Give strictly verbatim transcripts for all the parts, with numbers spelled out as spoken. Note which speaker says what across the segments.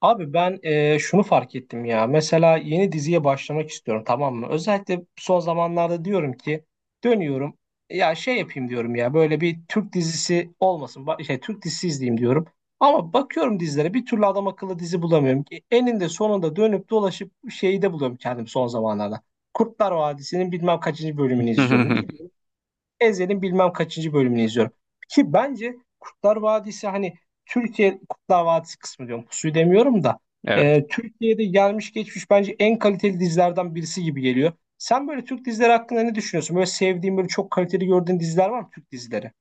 Speaker 1: Abi ben e, şunu fark ettim ya. Mesela yeni diziye başlamak istiyorum, tamam mı? Özellikle son zamanlarda diyorum ki dönüyorum. Ya şey yapayım diyorum ya böyle bir Türk dizisi olmasın. Ba- Şey, Türk dizisi izleyeyim diyorum. Ama bakıyorum dizilere bir türlü adam akıllı dizi bulamıyorum. E, Eninde sonunda dönüp dolaşıp şeyi de buluyorum kendim son zamanlarda. Kurtlar Vadisi'nin bilmem kaçıncı bölümünü izliyorum. Ezel'in bilmem kaçıncı bölümünü izliyorum. Ki bence Kurtlar Vadisi hani Türkiye Kurtlar Vadisi kısmı diyorum. Pusuyu demiyorum da.
Speaker 2: Evet.
Speaker 1: e, Türkiye'de gelmiş geçmiş bence en kaliteli dizilerden birisi gibi geliyor. Sen böyle Türk dizileri hakkında ne düşünüyorsun? Böyle sevdiğin, böyle çok kaliteli gördüğün diziler var mı Türk dizileri?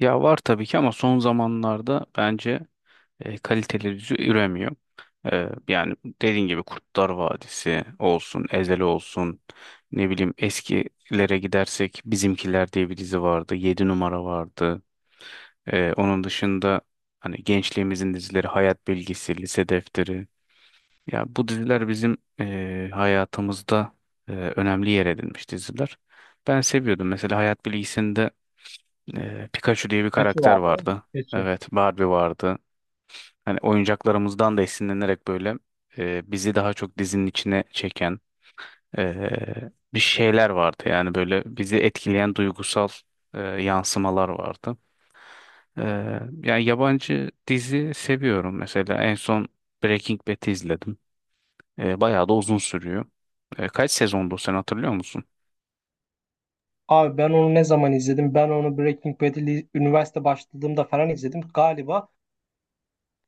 Speaker 2: Ya var tabii ki ama son zamanlarda bence e, kaliteli dizi üremiyor. E, yani dediğin gibi Kurtlar Vadisi olsun, Ezel olsun, ne bileyim eskilere gidersek Bizimkiler diye bir dizi vardı, Yedi numara vardı. E, onun dışında hani gençliğimizin dizileri Hayat Bilgisi, Lise Defteri. Ya bu diziler bizim e, hayatımızda e, önemli yer edinmiş diziler. Ben seviyordum. Mesela Hayat Bilgisi'nde Ee, Pikachu diye bir
Speaker 1: Kaçı
Speaker 2: karakter
Speaker 1: vardı değil mi?
Speaker 2: vardı.
Speaker 1: Pikachu.
Speaker 2: Evet, Barbie vardı. Hani oyuncaklarımızdan da esinlenerek böyle e, bizi daha çok dizinin içine çeken e, bir şeyler vardı. Yani böyle bizi etkileyen duygusal e, yansımalar vardı. E, Yani yabancı dizi seviyorum. Mesela en son Breaking Bad'i izledim. E, bayağı da uzun sürüyor. E, kaç sezondu sen hatırlıyor musun?
Speaker 1: Abi ben onu ne zaman izledim? Ben onu Breaking Bad'li üniversite başladığımda falan izledim. Galiba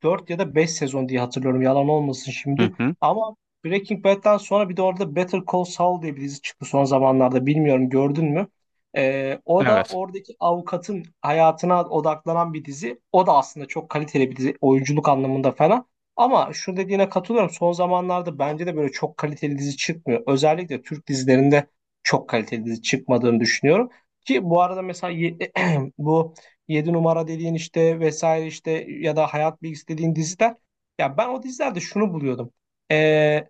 Speaker 1: dört ya da beş sezon diye hatırlıyorum. Yalan olmasın
Speaker 2: Hı
Speaker 1: şimdi.
Speaker 2: hı.
Speaker 1: Ama Breaking Bad'den sonra bir de orada Better Call Saul diye bir dizi çıktı son zamanlarda. Bilmiyorum gördün mü? Ee, o da
Speaker 2: Evet.
Speaker 1: oradaki avukatın hayatına odaklanan bir dizi. O da aslında çok kaliteli bir dizi. Oyunculuk anlamında falan. Ama şu dediğine katılıyorum. Son zamanlarda bence de böyle çok kaliteli dizi çıkmıyor. Özellikle Türk dizilerinde çok kaliteli dizi çıkmadığını düşünüyorum. Ki bu arada mesela ye- bu Yedi numara dediğin işte vesaire işte ya da hayat bilgisi dediğin diziler. Ya ben o dizilerde şunu buluyordum. Ee,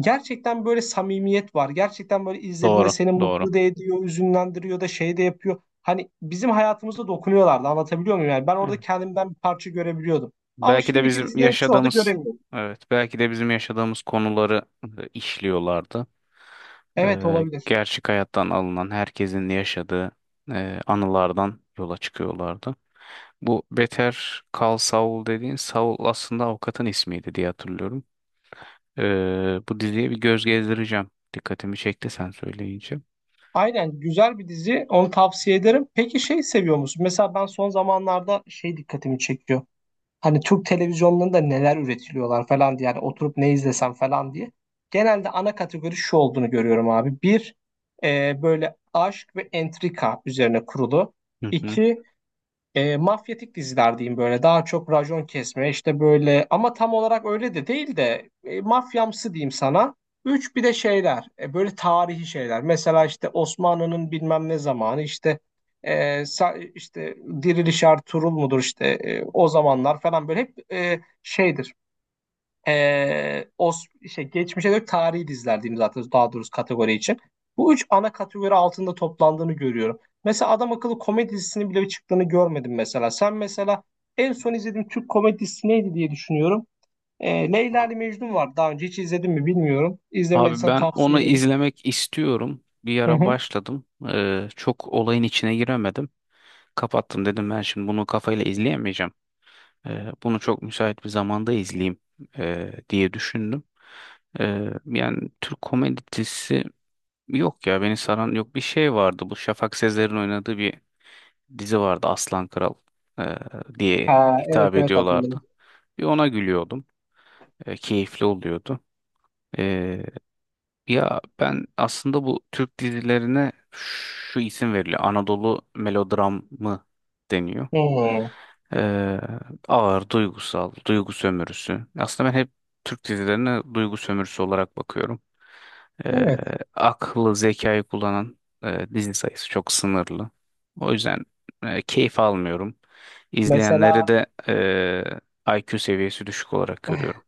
Speaker 1: Gerçekten böyle samimiyet var. Gerçekten böyle izlediğinde
Speaker 2: Doğru.
Speaker 1: seni
Speaker 2: Doğru.
Speaker 1: mutlu da ediyor, üzünlendiriyor da şey de yapıyor. Hani bizim hayatımıza dokunuyorlardı, anlatabiliyor muyum? Yani ben orada
Speaker 2: Evet.
Speaker 1: kendimden bir parça görebiliyordum. Ama
Speaker 2: Belki de
Speaker 1: şimdiki
Speaker 2: bizim
Speaker 1: dizilerin çoğu da
Speaker 2: yaşadığımız
Speaker 1: göremiyorum.
Speaker 2: evet belki de bizim yaşadığımız konuları e, işliyorlardı.
Speaker 1: Evet,
Speaker 2: E,
Speaker 1: olabilir.
Speaker 2: gerçek hayattan alınan herkesin yaşadığı e, anılardan yola çıkıyorlardı. Bu Better Call Saul dediğin Saul aslında avukatın ismiydi diye hatırlıyorum. Ee, bu diziye bir göz gezdireceğim. Dikkatimi çekti sen söyleyince.
Speaker 1: Aynen, güzel bir dizi. Onu tavsiye ederim. Peki şey seviyor musun? Mesela ben son zamanlarda şey dikkatimi çekiyor. Hani Türk televizyonlarında neler üretiliyorlar falan diye. Yani oturup ne izlesem falan diye. Genelde ana kategori şu olduğunu görüyorum abi. Bir, e, böyle aşk ve entrika üzerine kurulu.
Speaker 2: Hı hı.
Speaker 1: İki, e, mafyatik diziler diyeyim, böyle daha çok rajon kesme işte böyle, ama tam olarak öyle de değil de e, mafyamsı diyeyim sana. Üç, bir de şeyler e, böyle tarihi şeyler, mesela işte Osmanlı'nın bilmem ne zamanı işte e, sa- işte Diriliş Ertuğrul mudur işte e, o zamanlar falan, böyle hep e, şeydir ee, o şey, geçmişe dönük tarihi diziler diyeyim zaten, daha doğrusu kategori için. Bu üç ana kategori altında toplandığını görüyorum. Mesela adam akıllı komedi dizisinin bile çıktığını görmedim mesela. Sen mesela en son izlediğin Türk komedi dizisi neydi diye düşünüyorum. Ee, Leyla ile Mecnun var. Daha önce hiç izledin mi bilmiyorum.
Speaker 2: Abi
Speaker 1: İzlemediysen
Speaker 2: ben
Speaker 1: tavsiye
Speaker 2: onu
Speaker 1: ederim.
Speaker 2: izlemek istiyorum. Bir
Speaker 1: Hı
Speaker 2: ara
Speaker 1: hı.
Speaker 2: başladım. Ee, çok olayın içine giremedim. Kapattım dedim ben şimdi bunu kafayla izleyemeyeceğim. Ee, bunu çok müsait bir zamanda izleyeyim ee, diye düşündüm. Ee, yani Türk komedi dizisi yok ya beni saran yok. Bir şey vardı, bu Şafak Sezer'in oynadığı bir dizi vardı, Aslan Kral ee, diye
Speaker 1: Ha, evet
Speaker 2: hitap
Speaker 1: evet, hatırladım.
Speaker 2: ediyorlardı. Bir ona gülüyordum. Ee, keyifli oluyordu. E, Ya ben aslında bu Türk dizilerine şu isim veriliyor: Anadolu melodramı deniyor.
Speaker 1: Hı.
Speaker 2: Ee, Ağır, duygusal, duygu sömürüsü. Aslında ben hep Türk dizilerine duygu sömürüsü olarak bakıyorum. Ee,
Speaker 1: Evet.
Speaker 2: Aklı, zekayı kullanan e, dizi sayısı çok sınırlı. O yüzden e, keyif almıyorum.
Speaker 1: Mesela
Speaker 2: İzleyenleri de e, I Q seviyesi düşük olarak görüyorum.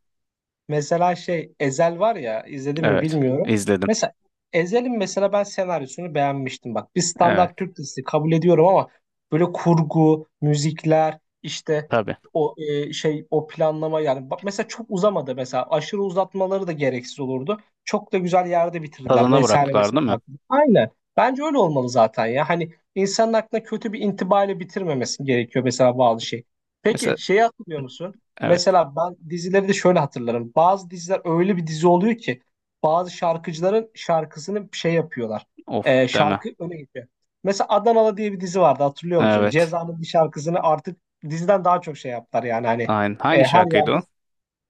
Speaker 1: mesela şey Ezel var ya, izledim mi
Speaker 2: Evet,
Speaker 1: bilmiyorum.
Speaker 2: izledim.
Speaker 1: Mesela Ezel'in mesela ben senaryosunu beğenmiştim. Bak, bir
Speaker 2: Evet,
Speaker 1: standart Türk dizisi kabul ediyorum ama böyle kurgu, müzikler, işte
Speaker 2: tabii.
Speaker 1: o e, şey, o planlama, yani bak mesela çok uzamadı, mesela aşırı uzatmaları da gereksiz olurdu. Çok da güzel yerde bitirdiler
Speaker 2: Tadına
Speaker 1: vesaire
Speaker 2: bıraktılar
Speaker 1: mesela
Speaker 2: değil mi?
Speaker 1: bak. Aynen. Bence öyle olmalı zaten ya. Hani insanın aklına kötü bir intibayla bitirmemesi gerekiyor mesela bazı şey. Peki
Speaker 2: Mesela
Speaker 1: şeyi hatırlıyor musun?
Speaker 2: evet.
Speaker 1: Mesela ben dizileri de şöyle hatırlarım. Bazı diziler öyle bir dizi oluyor ki bazı şarkıcıların şarkısını şey yapıyorlar.
Speaker 2: Of
Speaker 1: Ee,
Speaker 2: deme.
Speaker 1: şarkı öne geçiyor. Mesela Adanalı diye bir dizi vardı, hatırlıyor musun?
Speaker 2: Evet.
Speaker 1: Ceza'nın bir şarkısını artık diziden daha çok şey yaptılar yani hani
Speaker 2: Aynen.
Speaker 1: e,
Speaker 2: Hangi
Speaker 1: her
Speaker 2: şarkıydı
Speaker 1: yerde
Speaker 2: o?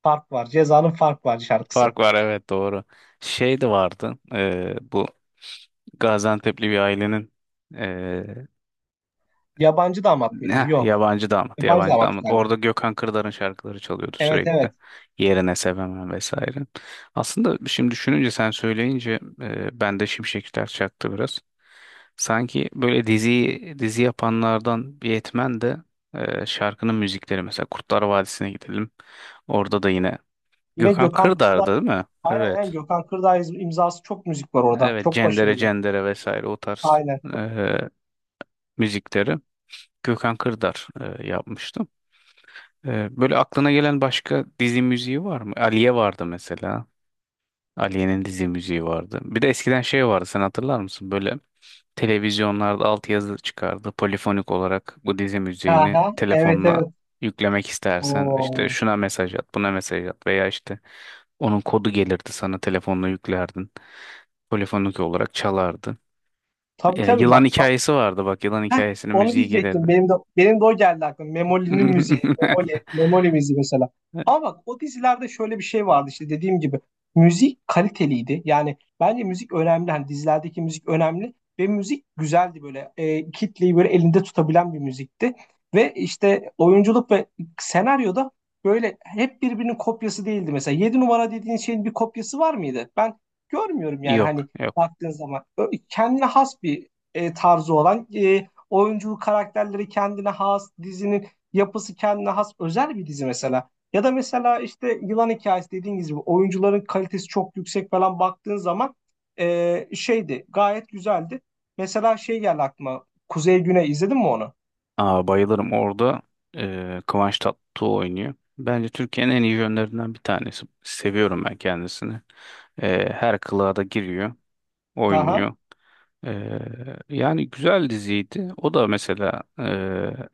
Speaker 1: fark var. Ceza'nın fark var şarkısı.
Speaker 2: Fark var, evet, doğru. Şey de vardı. E, bu Gaziantep'li bir ailenin.
Speaker 1: Yabancı Damat mıydı?
Speaker 2: Ne?
Speaker 1: Yok.
Speaker 2: Yabancı damat,
Speaker 1: Yabancı
Speaker 2: yabancı
Speaker 1: Damat
Speaker 2: damat.
Speaker 1: galiba.
Speaker 2: Orada Gökhan Kırdar'ın şarkıları çalıyordu
Speaker 1: Evet
Speaker 2: sürekli.
Speaker 1: evet.
Speaker 2: Yerine sevemem vesaire. Aslında şimdi düşününce sen söyleyince e, bende şimşekler çaktı biraz. Sanki böyle dizi dizi yapanlardan bir yetmen de e, şarkının müzikleri, mesela Kurtlar Vadisi'ne gidelim. Orada da yine
Speaker 1: Yine
Speaker 2: Gökhan
Speaker 1: Gökhan
Speaker 2: Kırdar'dı
Speaker 1: Kırdağ,
Speaker 2: değil mi?
Speaker 1: aynen aynen
Speaker 2: Evet.
Speaker 1: Gökhan Kırdağ iz- imzası çok müzik var orada.
Speaker 2: Evet,
Speaker 1: Çok
Speaker 2: Cendere
Speaker 1: başarılı.
Speaker 2: Cendere vesaire o tarz
Speaker 1: Aynen.
Speaker 2: e, müzikleri Gökhan Kırdar e, yapmıştı. Ee, böyle aklına gelen başka dizi müziği var mı? Aliye vardı mesela. Aliye'nin dizi müziği vardı. Bir de eskiden şey vardı, sen hatırlar mısın? Böyle televizyonlarda altyazı çıkardı. Polifonik olarak bu dizi
Speaker 1: Ha
Speaker 2: müziğini
Speaker 1: ha. Evet
Speaker 2: telefonuna
Speaker 1: evet.
Speaker 2: yüklemek istersen işte
Speaker 1: Oo.
Speaker 2: şuna mesaj at, buna mesaj at veya işte onun kodu gelirdi, sana telefonla yüklerdin. Polifonik olarak çalardı.
Speaker 1: Tabii
Speaker 2: Ee,
Speaker 1: tabii
Speaker 2: yılan
Speaker 1: bak a-
Speaker 2: hikayesi vardı, bak yılan
Speaker 1: heh,
Speaker 2: hikayesinin
Speaker 1: onu
Speaker 2: müziği
Speaker 1: diyecektim.
Speaker 2: gelirdi.
Speaker 1: Benim de benim de o geldi aklıma. Memoli'nin müziği. Memoli, Memoli müziği mesela. Ama bak o dizilerde şöyle bir şey vardı işte dediğim gibi. Müzik kaliteliydi. Yani bence müzik önemli. Hani dizilerdeki müzik önemli ve müzik güzeldi böyle. E, kitleyi böyle elinde tutabilen bir müzikti. Ve işte oyunculuk ve senaryoda böyle hep birbirinin kopyası değildi mesela. Yedi numara dediğin şeyin bir kopyası var mıydı? Ben görmüyorum yani hani,
Speaker 2: Yok, yok.
Speaker 1: baktığın zaman Ö- kendine has bir e, tarzı olan, e, oyunculuk karakterleri kendine has, dizinin yapısı kendine has özel bir dizi mesela. Ya da mesela işte Yılan Hikayesi dediğiniz gibi oyuncuların kalitesi çok yüksek falan, baktığın zaman e, şeydi, gayet güzeldi. Mesela şey geldi aklıma, Kuzey Güney, izledin mi onu?
Speaker 2: Aa, bayılırım orada. eee Kıvanç Tatlıtuğ oynuyor. Bence Türkiye'nin en iyi yönlerinden bir tanesi. Seviyorum ben kendisini. Eee, her kılığa da giriyor,
Speaker 1: Aha.
Speaker 2: oynuyor. Ee, Yani güzel diziydi. O da mesela e,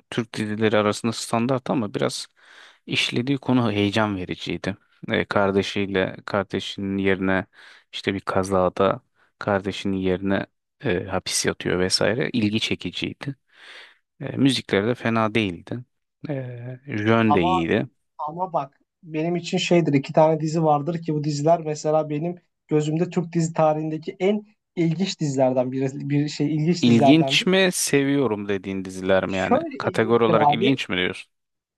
Speaker 2: Türk dizileri arasında standart ama biraz işlediği konu heyecan vericiydi. E, kardeşiyle kardeşinin yerine işte bir kazada kardeşinin yerine e, hapis yatıyor vesaire. İlgi çekiciydi. E, müzikleri de fena değildi. E, jön de
Speaker 1: Ama
Speaker 2: iyiydi.
Speaker 1: ama bak benim için şeydir, iki tane dizi vardır ki bu diziler mesela benim gözümde Türk dizi tarihindeki en ilginç dizilerden biri, bir şey ilginç
Speaker 2: İlginç
Speaker 1: dizilerdendir.
Speaker 2: mi, seviyorum dediğin diziler mi yani?
Speaker 1: Şöyle
Speaker 2: Kategori
Speaker 1: ilginçtir
Speaker 2: olarak
Speaker 1: abi.
Speaker 2: ilginç mi diyorsun?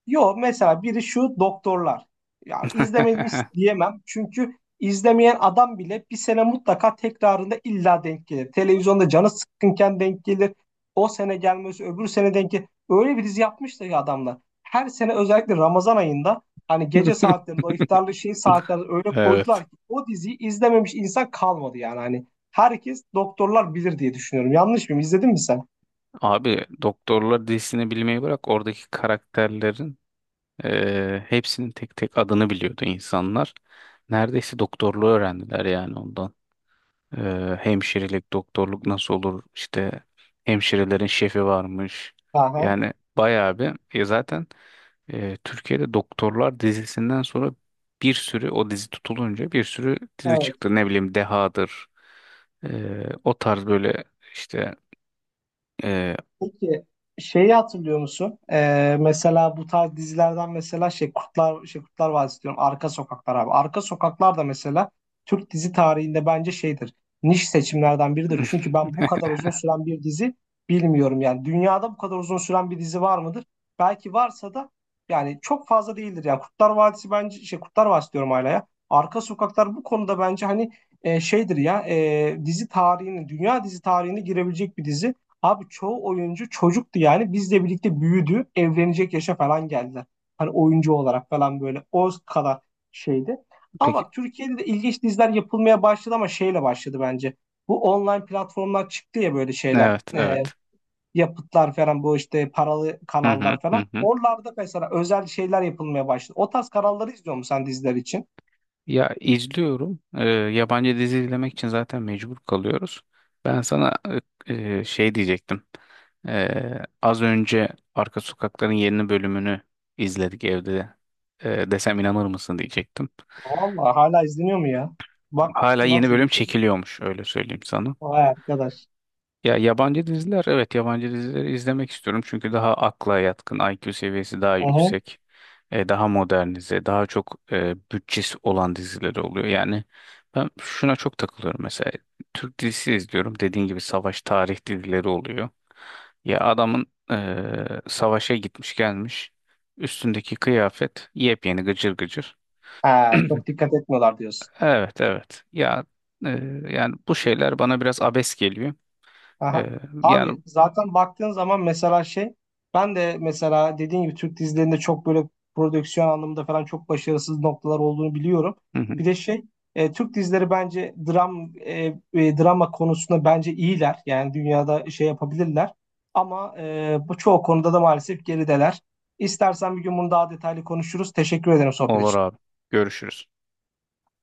Speaker 1: Yo, mesela biri şu doktorlar. Ya izlememiş diyemem. Çünkü izlemeyen adam bile bir sene mutlaka tekrarında illa denk gelir. Televizyonda canı sıkkınken denk gelir. O sene gelmesi öbür sene denk gelir. Öyle bir dizi yapmışlar ya adamlar. Her sene özellikle Ramazan ayında hani gece saatlerinde o iftarlı şey saatlerinde öyle koydular
Speaker 2: Evet.
Speaker 1: ki o diziyi izlememiş insan kalmadı yani. Hani herkes doktorlar bilir diye düşünüyorum. Yanlış mıyım? İzledin mi sen?
Speaker 2: Abi doktorlar dizisini bilmeyi bırak, oradaki karakterlerin eee, hepsinin tek tek adını biliyordu insanlar. Neredeyse doktorluğu öğrendiler yani ondan. Eee, hemşirelik, doktorluk nasıl olur, işte hemşirelerin şefi varmış.
Speaker 1: Aha.
Speaker 2: Yani bayağı bir e, zaten eee, Türkiye'de doktorlar dizisinden sonra bir sürü, o dizi tutulunca bir sürü dizi çıktı. Ne bileyim Deha'dır eee, o tarz böyle işte eee,
Speaker 1: Peki şeyi hatırlıyor musun? Ee, mesela bu tarz dizilerden mesela şey Kurtlar şey Kurtlar Vadisi diyorum. Arka Sokaklar abi. Arka Sokaklar da mesela Türk dizi tarihinde bence şeydir. Niş seçimlerden biridir. Çünkü ben bu kadar uzun süren bir dizi bilmiyorum. Yani dünyada bu kadar uzun süren bir dizi var mıdır? Belki varsa da yani çok fazla değildir. Yani Kurtlar Vadisi bence şey, Kurtlar Vadisi diyorum hala ya. Arka Sokaklar bu konuda bence hani e, şeydir ya, e, dizi tarihinin, dünya dizi tarihine girebilecek bir dizi. Abi çoğu oyuncu çocuktu yani. Bizle birlikte büyüdü. Evlenecek yaşa falan geldiler. Hani oyuncu olarak falan böyle o kadar şeydi. Ama
Speaker 2: peki
Speaker 1: bak Türkiye'de de ilginç diziler yapılmaya başladı ama şeyle başladı bence. Bu online platformlar çıktı ya böyle şeyler.
Speaker 2: evet,
Speaker 1: Ee,
Speaker 2: evet.
Speaker 1: yapıtlar falan bu işte paralı
Speaker 2: Hı hı
Speaker 1: kanallar falan.
Speaker 2: hı hı.
Speaker 1: Oralarda mesela özel şeyler yapılmaya başladı. O tarz kanalları izliyor musun sen diziler için?
Speaker 2: Ya izliyorum. Ee, yabancı dizi izlemek için zaten mecbur kalıyoruz. Ben sana e, e, şey diyecektim. Ee, az önce Arka Sokakların yeni bölümünü izledik evde. Ee, desem inanır mısın diyecektim.
Speaker 1: Vallahi hala izleniyor mu ya? Bak
Speaker 2: Hala yeni
Speaker 1: nasıl?
Speaker 2: bölüm çekiliyormuş, öyle söyleyeyim sana.
Speaker 1: Vay arkadaş.
Speaker 2: Ya yabancı diziler, evet yabancı dizileri izlemek istiyorum çünkü daha akla yatkın, I Q seviyesi daha
Speaker 1: Hı hı.
Speaker 2: yüksek, e, daha modernize, daha çok e, bütçesi olan dizileri oluyor. Yani ben şuna çok takılıyorum mesela, Türk dizisi izliyorum, dediğin gibi savaş tarih dizileri oluyor, ya adamın e, savaşa gitmiş gelmiş, üstündeki kıyafet yepyeni gıcır gıcır.
Speaker 1: Ha, çok dikkat etmiyorlar diyorsun.
Speaker 2: Evet, evet ya, e, yani bu şeyler bana biraz abes geliyor. E,
Speaker 1: Aha.
Speaker 2: yani
Speaker 1: Abi zaten baktığın zaman mesela şey, ben de mesela dediğin gibi Türk dizilerinde çok böyle prodüksiyon anlamında falan çok başarısız noktalar olduğunu biliyorum.
Speaker 2: Hı hı.
Speaker 1: Bir de şey e, Türk dizileri bence dram e, e, drama konusunda bence iyiler. Yani dünyada şey yapabilirler. Ama e, bu çoğu konuda da maalesef gerideler. İstersen bir gün bunu daha detaylı konuşuruz. Teşekkür ederim sohbet
Speaker 2: Olur abi.
Speaker 1: için.
Speaker 2: Görüşürüz.